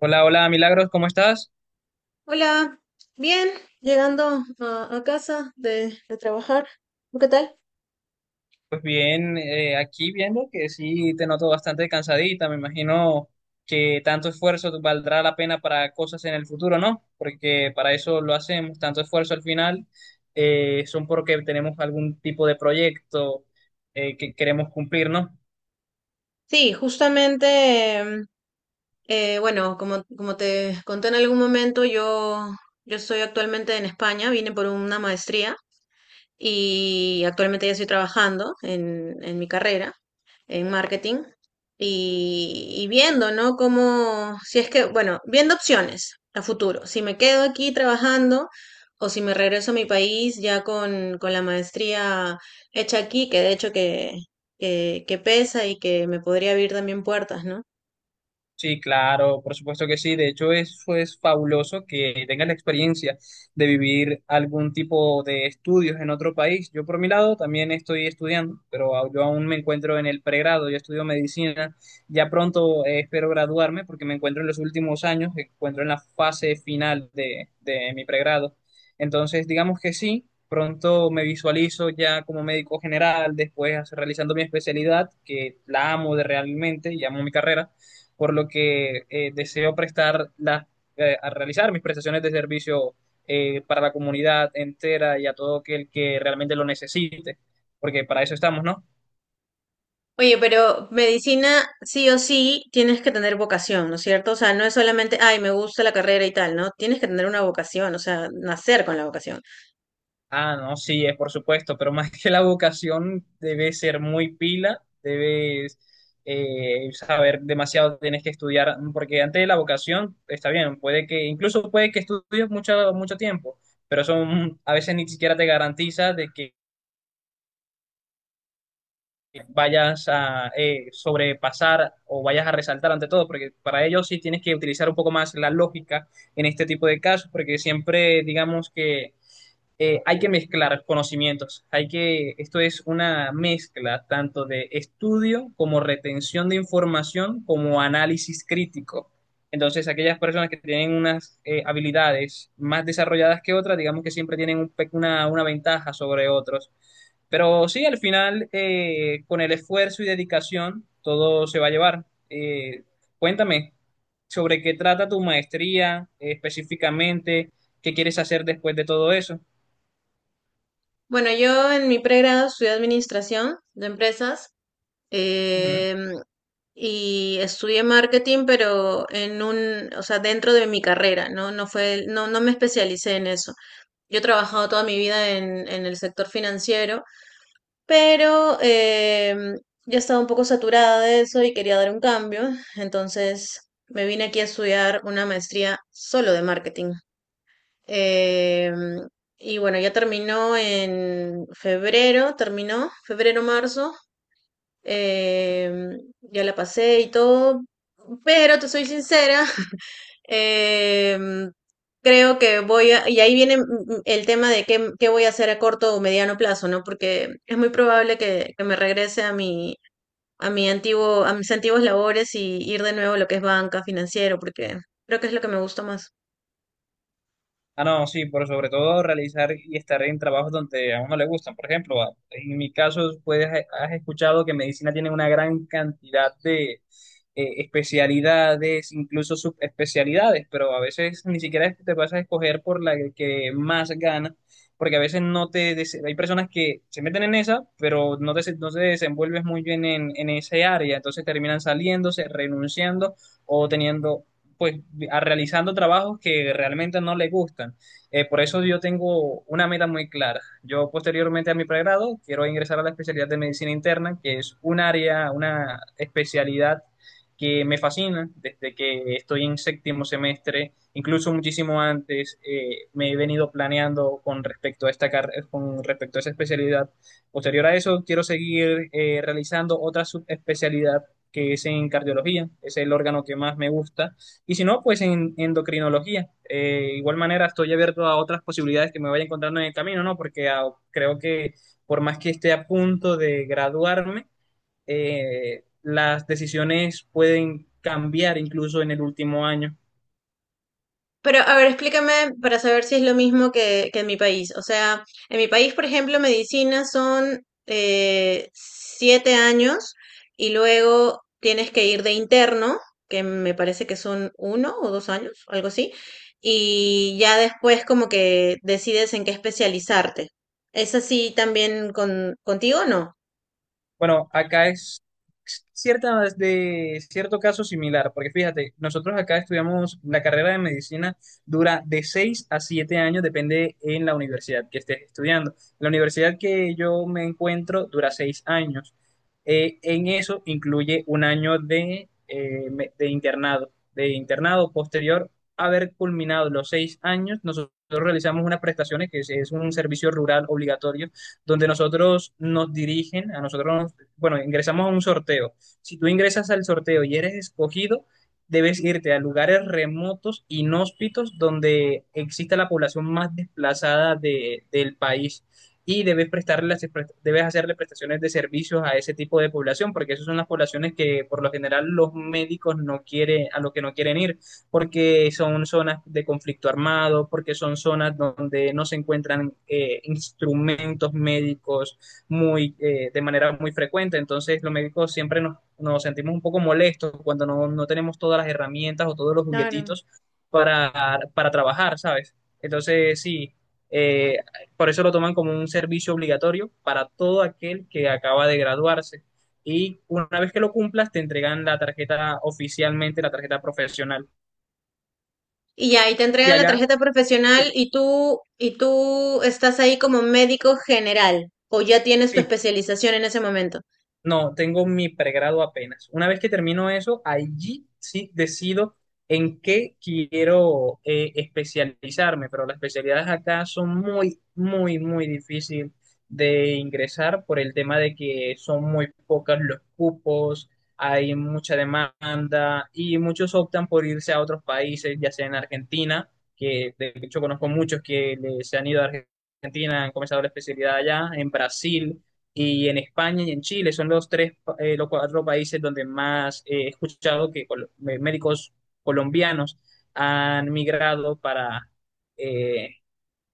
Hola, hola, Milagros, ¿cómo estás? Hola, bien, llegando a casa de trabajar. ¿Tú qué tal? Pues bien, aquí viendo que sí te noto bastante cansadita, me imagino que tanto esfuerzo valdrá la pena para cosas en el futuro, ¿no? Porque para eso lo hacemos, tanto esfuerzo al final son porque tenemos algún tipo de proyecto que queremos cumplir, ¿no? Sí, justamente, em, bueno, como te conté en algún momento, yo estoy actualmente en España, vine por una maestría y actualmente ya estoy trabajando en mi carrera en marketing y viendo, ¿no? Cómo, si es que, bueno, viendo opciones a futuro, si me quedo aquí trabajando o si me regreso a mi país ya con la maestría hecha aquí, que de hecho que pesa y que me podría abrir también puertas, ¿no? Sí, claro, por supuesto que sí. De hecho, eso es fabuloso que tengas la experiencia de vivir algún tipo de estudios en otro país. Yo, por mi lado, también estoy estudiando, pero yo aún me encuentro en el pregrado. Yo estudio medicina. Ya pronto espero graduarme porque me encuentro en los últimos años, me encuentro en la fase final de mi pregrado. Entonces, digamos que sí, pronto me visualizo ya como médico general, después realizando mi especialidad, que la amo de realmente y amo mi carrera por lo que deseo prestar las, a realizar mis prestaciones de servicio para la comunidad entera y a todo aquel que realmente lo necesite, porque para eso estamos, ¿no? Oye, pero medicina sí o sí tienes que tener vocación, ¿no es cierto? O sea, no es solamente, ay, me gusta la carrera y tal, ¿no? Tienes que tener una vocación, o sea, nacer con la vocación. Ah, no, sí, es por supuesto, pero más que la vocación debe ser muy pila, debes saber demasiado, tienes que estudiar, porque antes de la vocación está bien, puede que, incluso puede que estudies mucho, mucho tiempo, pero eso a veces ni siquiera te garantiza de que vayas a sobrepasar o vayas a resaltar ante todo, porque para ello sí tienes que utilizar un poco más la lógica en este tipo de casos, porque siempre digamos que hay que mezclar conocimientos. Hay que, esto es una mezcla tanto de estudio como retención de información como análisis crítico. Entonces, aquellas personas que tienen unas habilidades más desarrolladas que otras, digamos que siempre tienen un una ventaja sobre otros. Pero sí, al final, con el esfuerzo y dedicación, todo se va a llevar. Eh, cuéntame sobre qué trata tu maestría, específicamente, qué quieres hacer después de todo eso. Bueno, yo en mi pregrado estudié administración de empresas Ujú. em, y estudié marketing, pero o sea, dentro de mi carrera, ¿no? No fue, no me especialicé en eso. Yo he trabajado toda mi vida en el sector financiero. Pero ya estaba un poco saturada de eso y quería dar un cambio, entonces me vine aquí a estudiar una maestría solo de marketing. Em, y bueno, ya terminó en febrero, terminó, febrero-marzo, ya la pasé y todo, pero te soy sincera. Em, Creo que y ahí viene el tema de qué voy a hacer a corto o mediano plazo, ¿no? Porque es muy probable que me regrese a mis antiguos labores y ir de nuevo a lo que es banca, financiero, porque creo que es lo que me gusta más. Ah, no, sí, por sobre todo realizar y estar en trabajos donde a uno le gustan. Por ejemplo, en mi caso, pues has escuchado que medicina tiene una gran cantidad de especialidades, incluso subespecialidades, pero a veces ni siquiera es que te vas a escoger por la que más gana, porque a veces no Hay personas que se meten en esa, pero no te desenvuelves muy bien en ese área, entonces terminan saliéndose, renunciando o teniendo pues realizando trabajos que realmente no le gustan. Por eso yo tengo una meta muy clara. Yo posteriormente a mi pregrado quiero ingresar a la especialidad de medicina interna, que es un área, una especialidad que me fascina desde que estoy en séptimo semestre, incluso muchísimo antes me he venido planeando con respecto a esta con respecto a esa especialidad. Posterior a eso, quiero seguir realizando otra subespecialidad que es en cardiología, es el órgano que más me gusta y si no, pues en endocrinología. Igual manera, estoy abierto a otras posibilidades que me vaya encontrando en el camino, ¿no? Porque ah, creo que por más que esté a punto de graduarme, las decisiones pueden cambiar incluso en el último año. Pero, a ver, explícame para saber si es lo mismo que en mi país. O sea, en mi país, por ejemplo, medicina son 7 años y luego tienes que ir de interno, que me parece que son 1 o 2 años, algo así, y ya después como que decides en qué especializarte. ¿Es así también contigo o Bueno, acá es cierta, de cierto caso similar, porque fíjate, nosotros acá estudiamos la carrera de medicina, dura de 6 a 7 años, depende en la universidad que estés estudiando. La universidad que yo me encuentro dura 6 años. En eso incluye un año de, de internado. De internado posterior a haber culminado los 6 años, nosotros realizamos unas prestaciones, que es un servicio rural obligatorio donde nosotros nos dirigen, a nosotros, bueno, ingresamos a un sorteo. Si tú ingresas al sorteo y eres escogido, debes irte a lugares remotos, inhóspitos, donde exista la población más desplazada del país. Y debes debes hacerle prestaciones de servicios a ese tipo de población, porque esas son las poblaciones que por lo general los médicos no quieren, a los que no quieren ir porque son zonas de conflicto armado, porque son zonas donde no se encuentran instrumentos médicos muy, de manera muy frecuente. Entonces, los médicos siempre nos sentimos un poco molestos cuando no, no, tenemos todas las herramientas o todos los no? juguetitos para trabajar, ¿sabes? Entonces, sí, eh, por eso lo toman como un servicio obligatorio para todo aquel que acaba de graduarse. Y una vez que lo cumplas, te entregan la tarjeta oficialmente, la tarjeta profesional. Y ya, ahí te Y entregan la allá, tarjeta profesional sí, y tú estás ahí como médico general o ya tienes tu sí, especialización en ese momento. no, tengo mi pregrado apenas. Una vez que termino eso, allí sí decido en qué quiero especializarme, pero las especialidades acá son muy, muy, muy difíciles de ingresar por el tema de que son muy pocos los cupos, hay mucha demanda y muchos optan por irse a otros países, ya sea en Argentina, que de hecho conozco muchos que se han ido a Argentina, han comenzado la especialidad allá, en Brasil y en España y en Chile son los tres, los cuatro países donde más he escuchado que médicos colombianos han migrado para eh,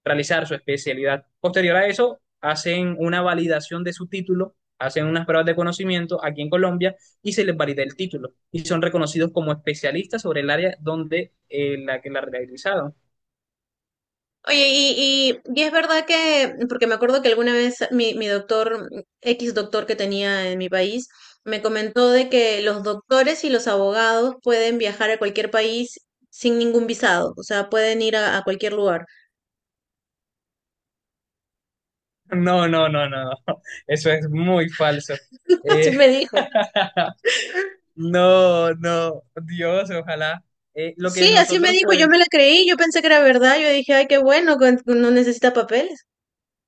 realizar su especialidad. Posterior a eso, hacen una validación de su título, hacen unas pruebas de conocimiento aquí en Colombia y se les valida el título y son reconocidos como especialistas sobre el área donde la que la realizaron. Oye, y es verdad que, porque me acuerdo que alguna vez mi doctor, X doctor que tenía en mi país, me comentó de que los doctores y los abogados pueden viajar a cualquier país sin ningún visado, o sea, pueden ir a cualquier lugar. No, no, no, no, no. Eso es muy falso. Así Eh, me dijo. No, no, Dios, ojalá. Lo que Sí, así me nosotros dijo, pues, yo me la creí, yo pensé que era verdad, yo dije, ay, qué bueno, no necesita papeles.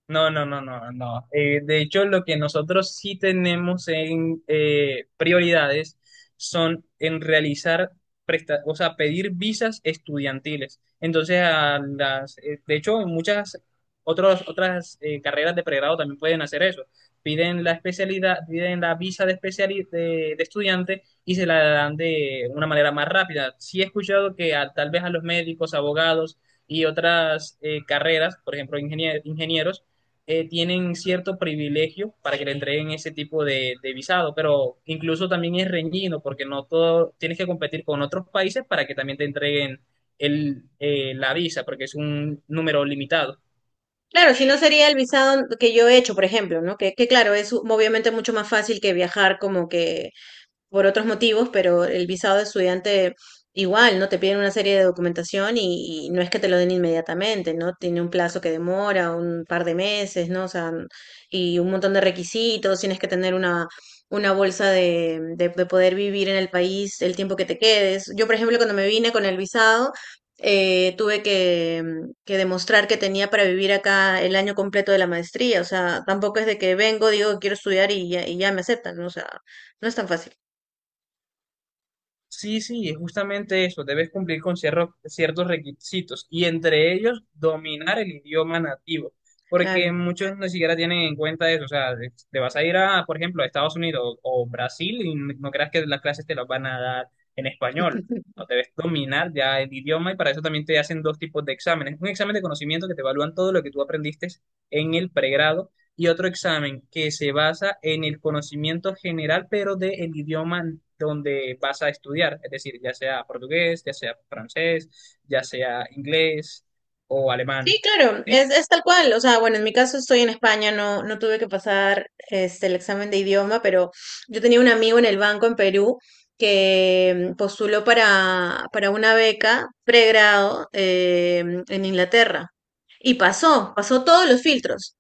No, no, no, no, no. De hecho, lo que nosotros sí tenemos en prioridades son en o sea, pedir visas estudiantiles. Entonces, a las, de hecho, en muchas otras carreras de pregrado también pueden hacer eso. Piden la especialidad, piden la visa de, de estudiante y se la dan de una manera más rápida. Sí he escuchado que tal vez a los médicos, abogados y otras carreras, por ejemplo, ingenieros, tienen cierto privilegio para que le entreguen ese tipo de visado, pero incluso también es reñido porque no todo, tienes que competir con otros países para que también te entreguen el, la visa, porque es un número limitado. Claro, si no sería el visado que yo he hecho, por ejemplo, ¿no? Que claro, es obviamente mucho más fácil que viajar como que por otros motivos, pero el visado de estudiante igual, ¿no? Te piden una serie de documentación y no es que te lo den inmediatamente, ¿no? Tiene un plazo que demora, un par de meses, ¿no? O sea, y un montón de requisitos, tienes que tener una bolsa de poder vivir en el país el tiempo que te quedes. Yo, por ejemplo, cuando me vine con el visado, tuve que demostrar que tenía para vivir acá el año completo de la maestría, o sea, tampoco es de que vengo, digo, quiero estudiar y ya me aceptan, ¿no? O sea, no es tan fácil. Sí, sí, es justamente eso. Debes cumplir con ciertos requisitos y entre ellos dominar el idioma nativo, porque Claro. muchos ni siquiera tienen en cuenta eso. O sea, te vas a ir a, por ejemplo, a Estados Unidos o Brasil y no creas que las clases te las van a dar en español. No, debes dominar ya el idioma y para eso también te hacen dos tipos de exámenes. Un examen de conocimiento que te evalúan todo lo que tú aprendiste en el pregrado y otro examen que se basa en el conocimiento general, pero del idioma donde vas a estudiar, es decir, ya sea portugués, ya sea francés, ya sea inglés o alemán. Sí, claro, ¿Sí? es tal cual. O sea, bueno, en mi caso estoy en España, no tuve que pasar el examen de idioma, pero yo tenía un amigo en el banco en Perú que postuló para una beca pregrado en Inglaterra y pasó todos los filtros.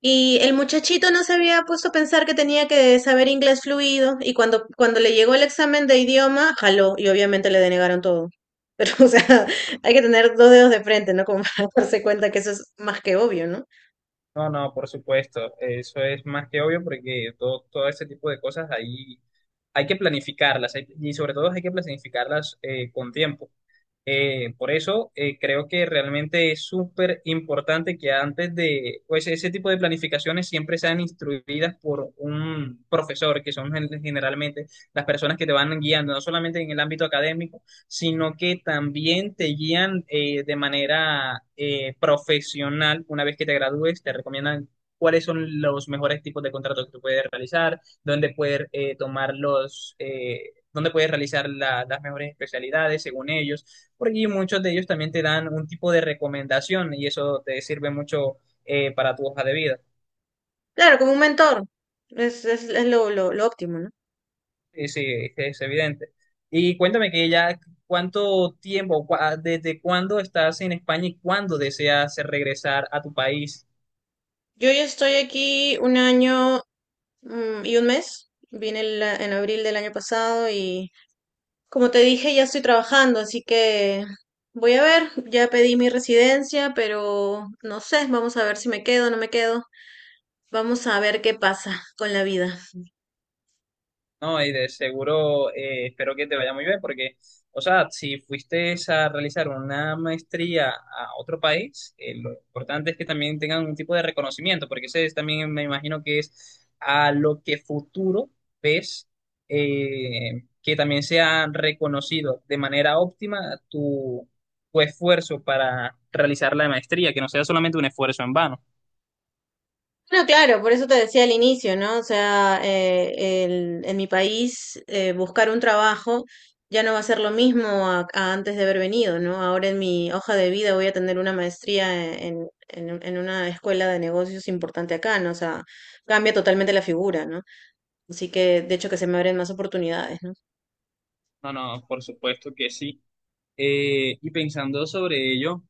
Y el muchachito no se había puesto a pensar que tenía que saber inglés fluido y cuando le llegó el examen de idioma, jaló y obviamente le denegaron todo. Pero, o sea, hay que tener dos dedos de frente, ¿no? Como darse cuenta que eso es más que obvio, ¿no? No, no, por supuesto, eso es más que obvio porque todo este tipo de cosas ahí hay que y sobre todo hay que planificarlas con tiempo. Por eso creo que realmente es súper importante que antes de pues, ese tipo de planificaciones siempre sean instruidas por un profesor, que son generalmente las personas que te van guiando, no solamente en el ámbito académico, sino que también te guían de manera profesional. Una vez que te gradúes, te recomiendan cuáles son los mejores tipos de contratos que tú puedes realizar, dónde puedes dónde puedes realizar las mejores especialidades según ellos porque muchos de ellos también te dan un tipo de recomendación y eso te sirve mucho para tu hoja de vida. Claro, como un mentor, es lo óptimo, ¿no? Sí, sí, es evidente. Y cuéntame que ya cuánto tiempo, desde cuándo estás en España y cuándo deseas regresar a tu país. Yo ya estoy aquí un año y un mes, vine en abril del año pasado y como te dije, ya estoy trabajando, así que voy a ver, ya pedí mi residencia, pero no sé, vamos a ver si me quedo o no me quedo, vamos a ver qué pasa con la vida. No, y de seguro espero que te vaya muy bien porque, o sea, si fuiste a realizar una maestría a otro país, lo importante es que también tengan un tipo de reconocimiento, porque ese es también me imagino que es a lo que futuro ves que también sea reconocido de manera óptima tu, tu esfuerzo para realizar la maestría, que no sea solamente un esfuerzo en vano. No, claro, por eso te decía al inicio, ¿no? O sea, en mi país buscar un trabajo ya no va a ser lo mismo a antes de haber venido, ¿no? Ahora en mi hoja de vida voy a tener una maestría en una escuela de negocios importante acá, ¿no? O sea, cambia totalmente la figura, ¿no? Así que, de hecho, que se me abren más oportunidades, ¿no? No, no, por supuesto que sí. Y pensando sobre ello,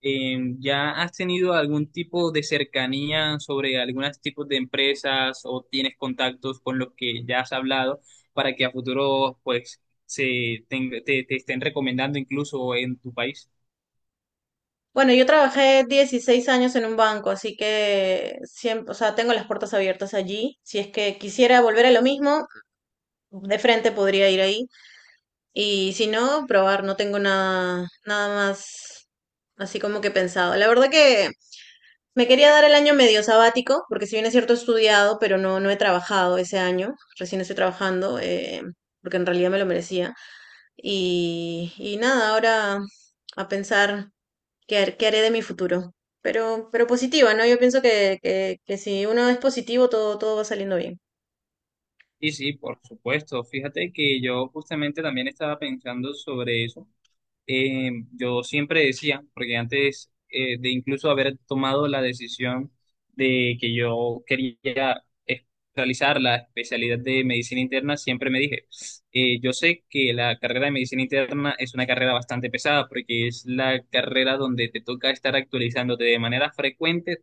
¿ya has tenido algún tipo de cercanía sobre algunos tipos de empresas o tienes contactos con los que ya has hablado para que a futuro pues se te estén recomendando incluso en tu país? Bueno, yo trabajé 16 años en un banco, así que siempre, o sea, tengo las puertas abiertas allí. Si es que quisiera volver a lo mismo, de frente podría ir ahí. Y si no, probar, no tengo nada, nada más así como que pensado. La verdad que me quería dar el año medio sabático, porque si bien es cierto he estudiado, pero no he trabajado ese año, recién estoy trabajando, porque en realidad me lo merecía. Y nada, ahora a pensar qué haré de mi futuro. Pero positiva, ¿no? Yo pienso que si uno es positivo, todo va saliendo bien. Y sí, por supuesto, fíjate que yo justamente también estaba pensando sobre eso. Yo siempre decía, porque antes de incluso haber tomado la decisión de que yo realizar la especialidad de medicina interna, siempre me dije, yo sé que la carrera de medicina interna es una carrera bastante pesada, porque es la carrera donde te toca estar actualizándote de manera frecuente.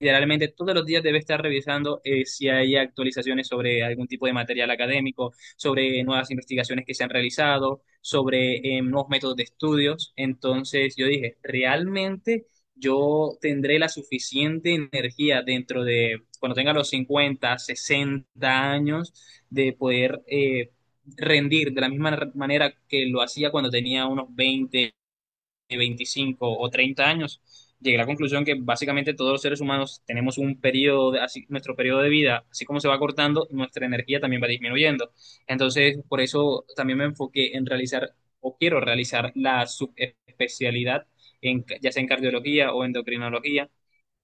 Generalmente todos los días debe estar revisando si hay actualizaciones sobre algún tipo de material académico, sobre nuevas investigaciones que se han realizado, sobre nuevos métodos de estudios. Entonces yo dije, ¿realmente yo tendré la suficiente energía dentro de, cuando tenga los 50, 60 años, de poder rendir de la misma manera que lo hacía cuando tenía unos 20 25 o 30 años? Llegué a la conclusión que básicamente todos los seres humanos tenemos un periodo, así, nuestro periodo de vida, así como se va cortando, nuestra energía también va disminuyendo. Entonces, por eso también me enfoqué en realizar o quiero realizar la subespecialidad, ya sea en cardiología o endocrinología,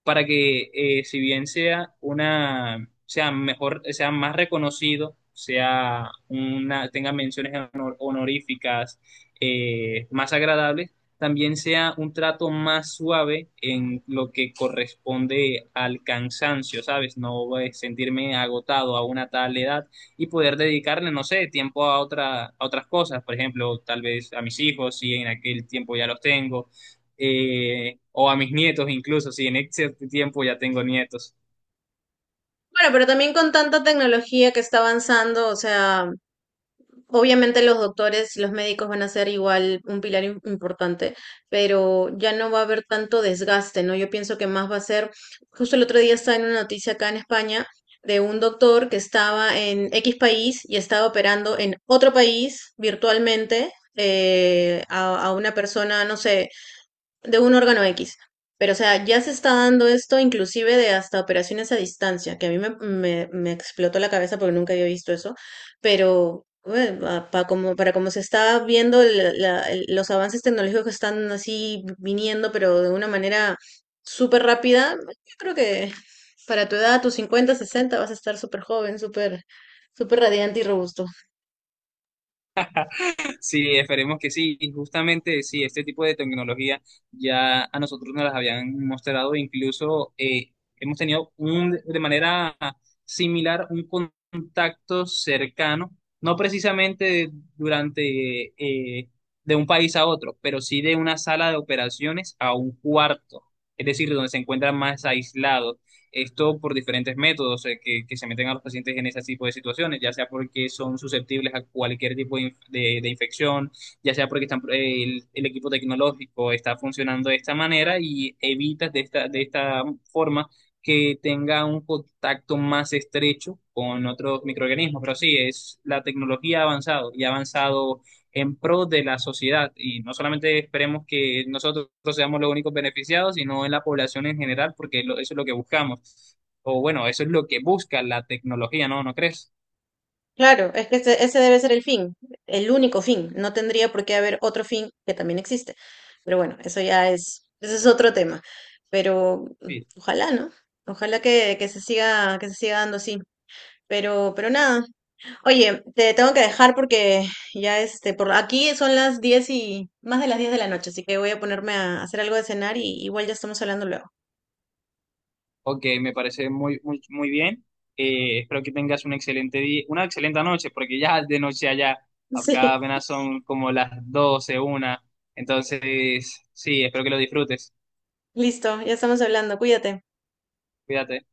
para que si bien sea una, sea mejor, sea más reconocido, sea una, tenga menciones honoríficas más agradables, también sea un trato más suave en lo que corresponde al cansancio, ¿sabes? No sentirme agotado a una tal edad y poder dedicarle, no sé, tiempo a a otras cosas, por ejemplo, tal vez a mis hijos, si en aquel tiempo ya los tengo o a mis nietos incluso, si en cierto tiempo ya tengo nietos. Bueno, pero también con tanta tecnología que está avanzando, o sea, obviamente los doctores, los médicos van a ser igual un pilar importante, pero ya no va a haber tanto desgaste, ¿no? Yo pienso que más va a ser, justo el otro día estaba en una noticia acá en España de un doctor que estaba en X país y estaba operando en otro país virtualmente a una persona, no sé, de un órgano X. Pero, o sea, ya se está dando esto inclusive de hasta operaciones a distancia, que a mí me explotó la cabeza porque nunca había visto eso, pero para como se está viendo los avances tecnológicos que están así viniendo, pero de una manera súper rápida, yo creo que para tu edad, tus 50 60 vas a estar súper joven, súper, súper radiante y robusto. Sí, esperemos que sí. Y justamente, sí, este tipo de tecnología ya a nosotros nos las habían mostrado, incluso hemos tenido un, de manera similar un contacto cercano, no precisamente durante de un país a otro, pero sí de una sala de operaciones a un cuarto, es decir, donde se encuentran más aislados. Esto por diferentes métodos que se meten a los pacientes en ese tipo de situaciones, ya sea porque son susceptibles a cualquier tipo de, de infección, ya sea porque están, el equipo tecnológico está funcionando de esta manera y evitas de de esta forma que tenga un contacto más estrecho con otros microorganismos. Pero sí, es la tecnología ha avanzado y ha avanzado en pro de la sociedad y no solamente esperemos que nosotros seamos los únicos beneficiados, sino en la población en general, porque eso es lo que buscamos. O bueno, eso es lo que busca la tecnología, ¿no? ¿No crees? Claro, es que ese debe ser el fin, el único fin. No tendría por qué haber otro fin que también existe. Pero bueno, ese es otro tema. Pero Sí. ojalá, ¿no? Ojalá que se siga dando así. Pero nada. Oye, te tengo que dejar porque ya este, por aquí son las 10 y más de las 10 de la noche, así que voy a ponerme a hacer algo de cenar y igual ya estamos hablando luego. Ok, me parece muy, muy, muy bien. Espero que tengas un excelente día, una excelente noche, porque ya es de noche allá, acá Sí, apenas son como las 12, 1. Entonces, sí, espero que lo disfrutes. listo, ya estamos hablando. Cuídate. Cuídate.